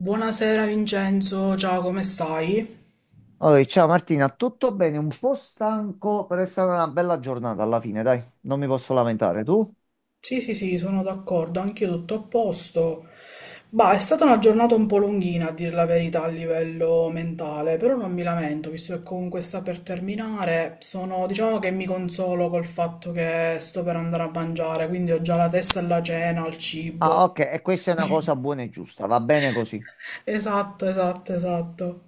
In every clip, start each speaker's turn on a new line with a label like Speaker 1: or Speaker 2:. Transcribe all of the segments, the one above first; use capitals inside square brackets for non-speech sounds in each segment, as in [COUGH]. Speaker 1: Buonasera Vincenzo, ciao, come stai?
Speaker 2: Oi, ciao Martina, tutto bene? Un po' stanco, però è stata una bella giornata alla fine, dai, non mi posso lamentare. Tu?
Speaker 1: Sì, sì, sì, sono d'accordo, anch'io tutto a posto. Bah, è stata una giornata un po' lunghina, a dire la verità, a livello mentale, però non mi lamento, visto che comunque sta per terminare. Diciamo che mi consolo col fatto che sto per andare a mangiare, quindi ho già la testa alla cena, al cibo.
Speaker 2: Ah, ok, e questa è una cosa buona e giusta, va bene così.
Speaker 1: Esatto, esatto, esatto.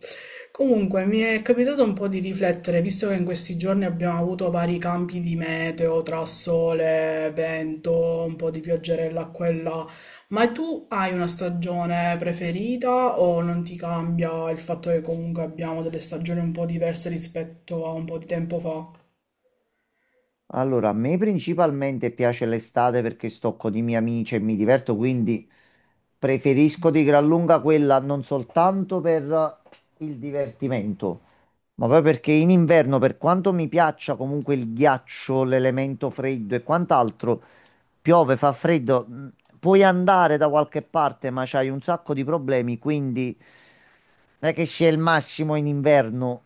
Speaker 1: Comunque, mi è capitato un po' di riflettere, visto che in questi giorni abbiamo avuto vari cambi di meteo, tra sole, vento, un po' di pioggerella qua e là. Ma tu hai una stagione preferita o non ti cambia il fatto che comunque abbiamo delle stagioni un po' diverse rispetto a un po' di tempo fa?
Speaker 2: Allora, a me principalmente piace l'estate perché sto con i miei amici e mi diverto, quindi preferisco di gran lunga quella non soltanto per il divertimento, ma poi perché in inverno, per quanto mi piaccia comunque il ghiaccio, l'elemento freddo e quant'altro, piove, fa freddo, puoi andare da qualche parte, ma c'hai un sacco di problemi, quindi non è che sia il massimo in inverno.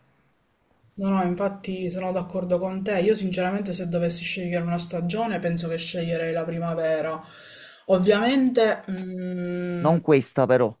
Speaker 1: No, no, infatti sono d'accordo con te. Io sinceramente se dovessi scegliere una stagione penso che sceglierei la primavera. Ovviamente. Mm.
Speaker 2: Non questa però,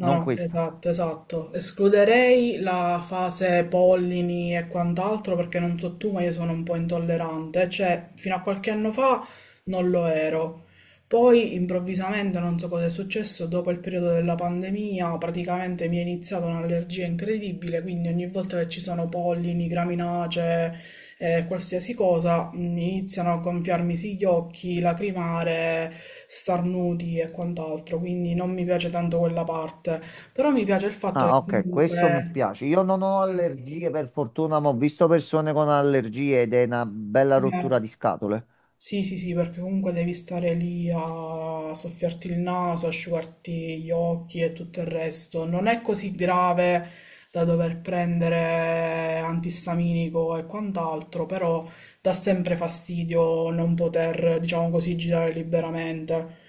Speaker 1: No, no,
Speaker 2: questa.
Speaker 1: esatto, esatto. Escluderei la fase pollini e quant'altro perché non so tu, ma io sono un po' intollerante, cioè fino a qualche anno fa non lo ero. Poi improvvisamente, non so cosa è successo, dopo il periodo della pandemia praticamente mi è iniziata un'allergia incredibile, quindi ogni volta che ci sono pollini, graminacee, qualsiasi cosa, iniziano a gonfiarmisi gli occhi, lacrimare, starnuti e quant'altro, quindi non mi piace tanto quella parte, però mi piace il fatto che
Speaker 2: Ah, ok, questo mi
Speaker 1: comunque...
Speaker 2: spiace. Io non ho allergie per fortuna, ma ho visto persone con allergie ed è una bella
Speaker 1: Mm,
Speaker 2: rottura di scatole.
Speaker 1: sì, sì, sì, perché comunque devi stare lì a soffiarti il naso, asciugarti gli occhi e tutto il resto. Non è così grave da dover prendere antistaminico e quant'altro, però dà sempre fastidio non poter, diciamo così, girare liberamente.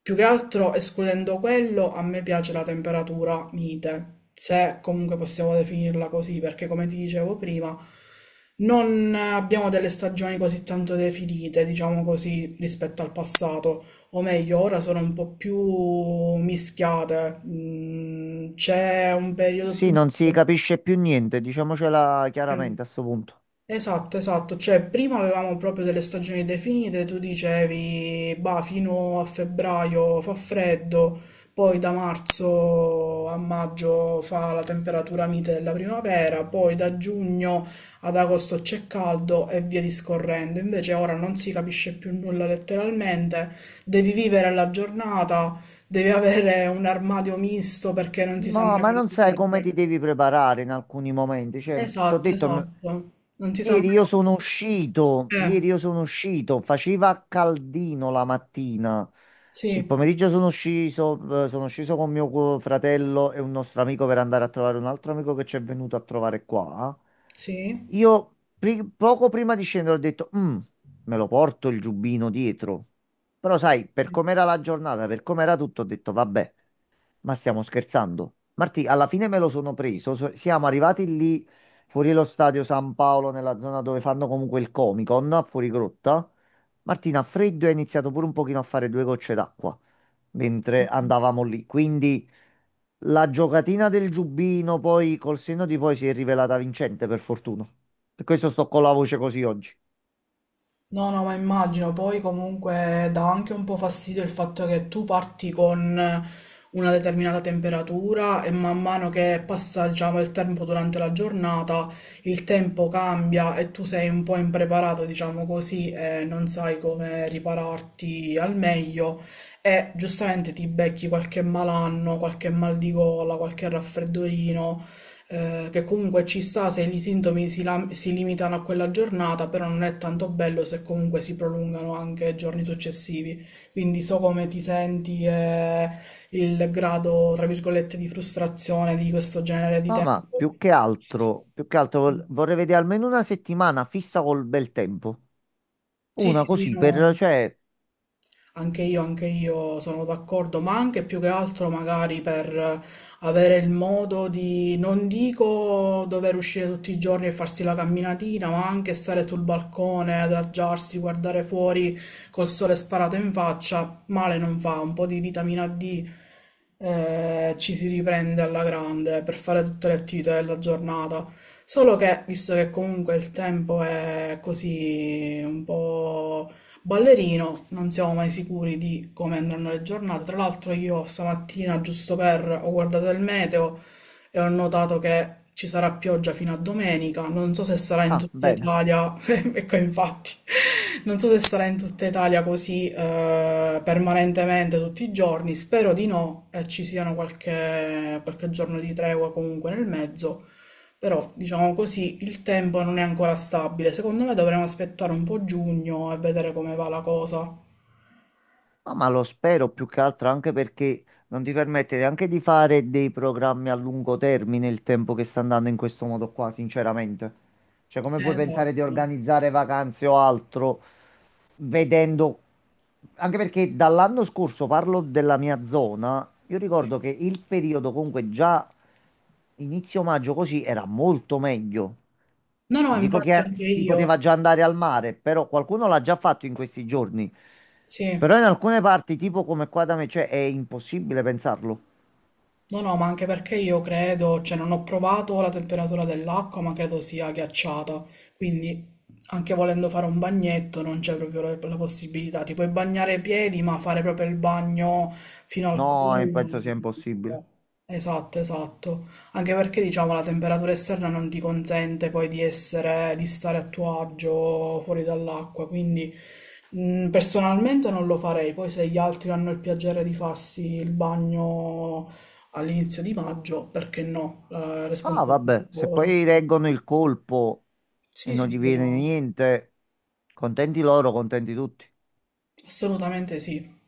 Speaker 1: Più che altro, escludendo quello, a me piace la temperatura mite, se comunque possiamo definirla così, perché come ti dicevo prima, non abbiamo delle stagioni così tanto definite, diciamo così, rispetto al passato, o meglio, ora sono un po' più mischiate. Mm. C'è un periodo
Speaker 2: Sì,
Speaker 1: più...
Speaker 2: non si capisce più niente, diciamocela chiaramente a sto punto.
Speaker 1: Esatto, esatto, cioè prima avevamo proprio delle stagioni definite, tu dicevi, bah, fino a febbraio fa freddo, poi da marzo a maggio fa la temperatura mite della primavera, poi da giugno ad agosto c'è caldo e via discorrendo. Invece ora non si capisce più nulla letteralmente, devi vivere la giornata, devi avere un armadio misto perché non si sa mai
Speaker 2: No, ma
Speaker 1: quando
Speaker 2: non
Speaker 1: ti
Speaker 2: sai come
Speaker 1: serve.
Speaker 2: ti devi preparare in alcuni momenti. Cioè, ti ho
Speaker 1: Esatto,
Speaker 2: detto,
Speaker 1: esatto. Non si sa mai quando- Eh,
Speaker 2: ieri io sono uscito, faceva caldino la mattina. Il
Speaker 1: sì,
Speaker 2: pomeriggio sono sceso con mio fratello e un nostro amico per andare a trovare un altro amico che ci è venuto a trovare qua.
Speaker 1: sì.
Speaker 2: Poco prima di scendere ho detto, " me lo porto il giubbino dietro. Però sai, per com'era la giornata, per com'era tutto, ho detto, vabbè. Ma stiamo scherzando? Martì, alla fine me lo sono preso. Siamo arrivati lì fuori lo stadio San Paolo, nella zona dove fanno comunque il Comic Con, a fuori grotta. Martina, a freddo, e ha iniziato pure un pochino a fare due gocce d'acqua mentre andavamo lì. Quindi la giocatina del giubbino, poi col senno di poi, si è rivelata vincente, per fortuna. Per questo sto con la voce così oggi.
Speaker 1: No, no, ma immagino, poi comunque dà anche un po' fastidio il fatto che tu parti con una determinata temperatura e man mano che passa, diciamo, il tempo durante la giornata, il tempo cambia e tu sei un po' impreparato, diciamo così, e non sai come ripararti al meglio e giustamente ti becchi qualche malanno, qualche mal di gola, qualche raffreddorino. Che comunque ci sta se i sintomi si, si limitano a quella giornata, però non è tanto bello se comunque si prolungano anche ai giorni successivi. Quindi so come ti senti e il grado, tra virgolette, di frustrazione di questo genere di
Speaker 2: No, ma
Speaker 1: tempo.
Speaker 2: più che altro vorrei vedere almeno una settimana fissa col bel tempo.
Speaker 1: Sì,
Speaker 2: Una
Speaker 1: sì, sì,
Speaker 2: così
Speaker 1: no.
Speaker 2: per, cioè,
Speaker 1: Anche io sono d'accordo, ma anche più che altro magari per avere il modo di, non dico dover uscire tutti i giorni e farsi la camminatina, ma anche stare sul balcone, adagiarsi, guardare fuori col sole sparato in faccia, male non fa, un po' di vitamina D, ci si riprende alla grande per fare tutte le attività della giornata. Solo che, visto che comunque il tempo è così un po' ballerino, non siamo mai sicuri di come andranno le giornate. Tra l'altro io stamattina, giusto per, ho guardato il meteo e ho notato che ci sarà pioggia fino a domenica. Non so se sarà in
Speaker 2: ah,
Speaker 1: tutta
Speaker 2: bene.
Speaker 1: Italia, [LAUGHS] ecco infatti, non so se sarà in tutta Italia così permanentemente tutti i giorni. Spero di no e ci siano qualche, giorno di tregua comunque nel mezzo. Però, diciamo così, il tempo non è ancora stabile. Secondo me dovremmo aspettare un po' giugno e vedere come va la cosa.
Speaker 2: No, ma lo spero più che altro anche perché non ti permette neanche di fare dei programmi a lungo termine il tempo che sta andando in questo modo qua, sinceramente. Cioè, come puoi pensare
Speaker 1: Esatto.
Speaker 2: di organizzare vacanze o altro vedendo... Anche perché dall'anno scorso parlo della mia zona, io
Speaker 1: Sì.
Speaker 2: ricordo che il periodo comunque già inizio maggio così era molto meglio.
Speaker 1: No, no,
Speaker 2: Non dico
Speaker 1: infatti
Speaker 2: che
Speaker 1: anche
Speaker 2: si
Speaker 1: io.
Speaker 2: poteva già andare al mare, però qualcuno l'ha già fatto in questi giorni.
Speaker 1: Sì.
Speaker 2: Però in alcune parti, tipo come qua da me, cioè, è impossibile pensarlo.
Speaker 1: No, no, ma anche perché io credo, cioè non ho provato la temperatura dell'acqua, ma credo sia ghiacciata, quindi anche volendo fare un bagnetto non c'è proprio la possibilità, ti puoi bagnare i piedi, ma fare proprio il bagno fino al
Speaker 2: No,
Speaker 1: collo.
Speaker 2: penso sia impossibile.
Speaker 1: Esatto, esatto, anche perché diciamo la temperatura esterna non ti consente poi di essere, di stare a tuo agio fuori dall'acqua, quindi... Mm. Personalmente non lo farei, poi se gli altri hanno il piacere di farsi il bagno all'inizio di maggio, perché no, la
Speaker 2: Ah,
Speaker 1: responsabilità del
Speaker 2: vabbè, se
Speaker 1: lavoro.
Speaker 2: poi reggono il colpo e
Speaker 1: Sì,
Speaker 2: non
Speaker 1: sì,
Speaker 2: gli
Speaker 1: sì,
Speaker 2: viene
Speaker 1: no,
Speaker 2: niente, contenti loro, contenti tutti.
Speaker 1: assolutamente sì.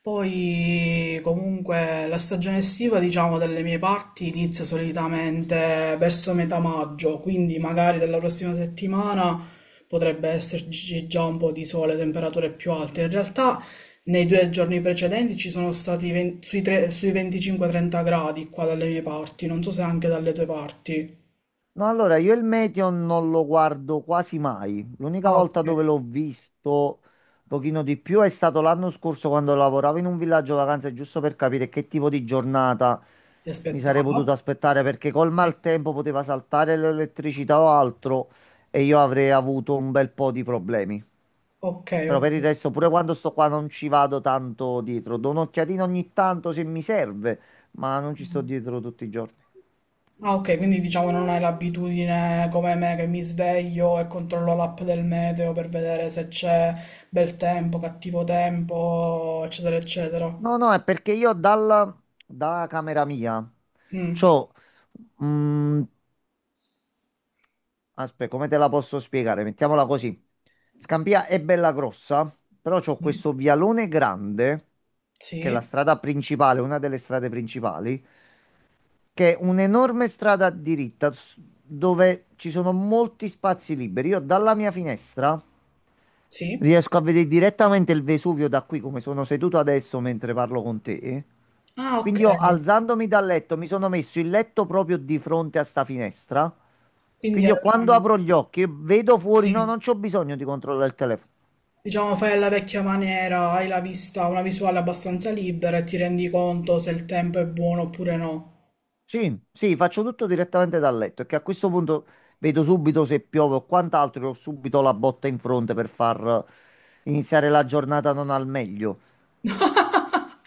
Speaker 1: Poi comunque la stagione estiva, diciamo, dalle mie parti inizia solitamente verso metà maggio, quindi magari dalla prossima settimana potrebbe esserci già un po' di sole, temperature più alte. In realtà nei due giorni precedenti ci sono stati 20 sui, sui 25-30 gradi qua dalle mie parti, non so se anche dalle tue parti.
Speaker 2: No, allora io il Meteon non lo guardo quasi mai. L'unica
Speaker 1: Ah,
Speaker 2: volta
Speaker 1: ok.
Speaker 2: dove l'ho visto un pochino di più è stato l'anno scorso quando lavoravo in un villaggio vacanze, giusto per capire che tipo di giornata
Speaker 1: Ti
Speaker 2: mi sarei
Speaker 1: aspettava?
Speaker 2: potuto aspettare, perché col
Speaker 1: Sì.
Speaker 2: maltempo poteva saltare l'elettricità o altro e io avrei avuto un bel po' di problemi.
Speaker 1: Ok,
Speaker 2: Però
Speaker 1: ok.
Speaker 2: per il resto, pure quando sto qua non ci vado tanto dietro. Do un'occhiatina ogni tanto se mi serve, ma non ci sto
Speaker 1: Mm.
Speaker 2: dietro tutti i giorni.
Speaker 1: Ah, ok, quindi diciamo non hai l'abitudine come me che mi sveglio e controllo l'app del meteo per vedere se c'è bel tempo, cattivo tempo, eccetera, eccetera.
Speaker 2: No, no, è perché io dalla, da camera mia
Speaker 1: Mm.
Speaker 2: c'ho... mm, aspetta, come te la posso spiegare? Mettiamola così. Scampia è bella grossa, però c'ho
Speaker 1: Sì,
Speaker 2: questo vialone grande, che è
Speaker 1: sì,
Speaker 2: la strada principale, una delle strade principali, che è un'enorme strada diritta dove ci sono molti spazi liberi. Io dalla mia finestra
Speaker 1: sì.
Speaker 2: riesco a vedere direttamente il Vesuvio da qui, come sono seduto adesso mentre parlo con te.
Speaker 1: Ah, ok.
Speaker 2: Quindi io alzandomi dal letto mi sono messo il letto proprio di fronte a sta finestra.
Speaker 1: Quindi
Speaker 2: Quindi io quando apro gli occhi vedo fuori, no,
Speaker 1: sì.
Speaker 2: non c'ho bisogno di controllare il telefono.
Speaker 1: Diciamo fai alla vecchia maniera, hai la vista, una visuale abbastanza libera e ti rendi conto se il tempo è buono oppure no.
Speaker 2: Sì, sì, faccio tutto direttamente dal letto, che a questo punto vedo subito se piove o quant'altro, e ho subito la botta in fronte per far iniziare la giornata non al meglio,
Speaker 1: [LAUGHS]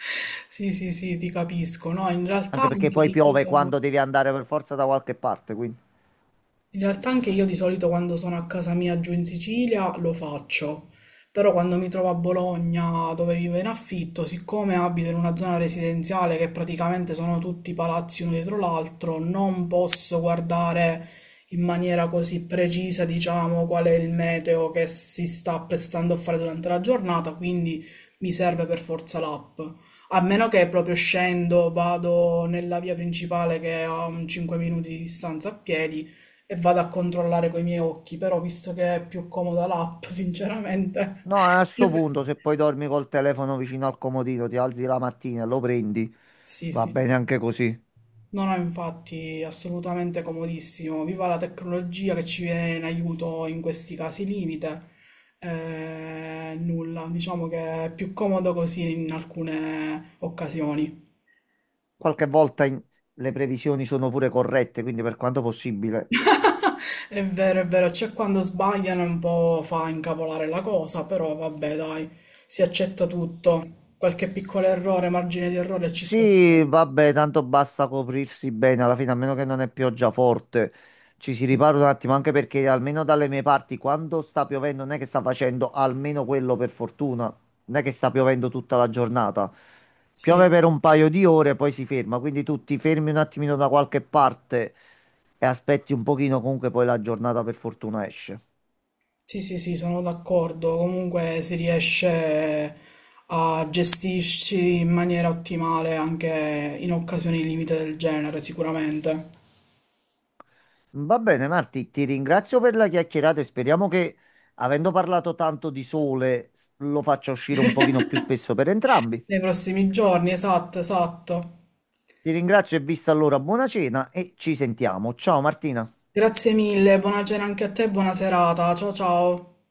Speaker 1: Sì, sì, sì, ti capisco. No, in realtà
Speaker 2: anche perché
Speaker 1: anche
Speaker 2: poi piove
Speaker 1: io.
Speaker 2: quando devi andare per forza da qualche parte, quindi
Speaker 1: In realtà anche io di solito quando sono a casa mia giù in Sicilia lo faccio, però quando mi trovo a Bologna dove vivo in affitto, siccome abito in una zona residenziale che praticamente sono tutti palazzi uno dietro l'altro, non posso guardare in maniera così precisa, diciamo, qual è il meteo che si sta apprestando a fare durante la giornata, quindi mi serve per forza l'app. A meno che proprio scendo, vado nella via principale che è a un 5 minuti di distanza a piedi e vado a controllare coi miei occhi, però visto che è più comoda l'app, sinceramente.
Speaker 2: no, a sto punto
Speaker 1: [LAUGHS]
Speaker 2: se poi dormi col telefono vicino al comodino, ti alzi la mattina, e lo prendi,
Speaker 1: Sì,
Speaker 2: va
Speaker 1: sì,
Speaker 2: bene
Speaker 1: sì.
Speaker 2: anche così.
Speaker 1: No, no, infatti, assolutamente comodissimo. Viva la tecnologia che ci viene in aiuto in questi casi limite. Nulla, diciamo che è più comodo così in alcune occasioni.
Speaker 2: Qualche volta le previsioni sono pure corrette, quindi per quanto possibile.
Speaker 1: È vero, c'è quando sbagliano un po' fa incavolare la cosa, però vabbè, dai, si accetta tutto. Qualche piccolo errore, margine di errore ci sta
Speaker 2: Sì,
Speaker 1: sempre.
Speaker 2: vabbè, tanto basta coprirsi bene, alla fine, a meno che non è pioggia forte. Ci
Speaker 1: Sì,
Speaker 2: si ripara un attimo, anche perché almeno dalle mie parti, quando sta piovendo, non è che sta facendo almeno quello per fortuna, non è che sta piovendo tutta la giornata.
Speaker 1: sì,
Speaker 2: Piove per un paio di ore, e poi si ferma, quindi tu ti fermi un attimino da qualche parte e aspetti un pochino, comunque poi la giornata per fortuna esce.
Speaker 1: sì, sì, sì, sono d'accordo. Comunque si riesce a gestirci in maniera ottimale anche in occasioni limite del genere, sicuramente.
Speaker 2: Va bene, Marti, ti ringrazio per la chiacchierata e speriamo che, avendo parlato tanto di sole, lo faccia uscire un pochino più spesso per entrambi.
Speaker 1: Nei prossimi giorni, esatto, esatto.
Speaker 2: Ti ringrazio e vista allora, buona cena e ci sentiamo. Ciao Martina.
Speaker 1: Grazie mille, buona cena anche a te, buona serata. Ciao ciao.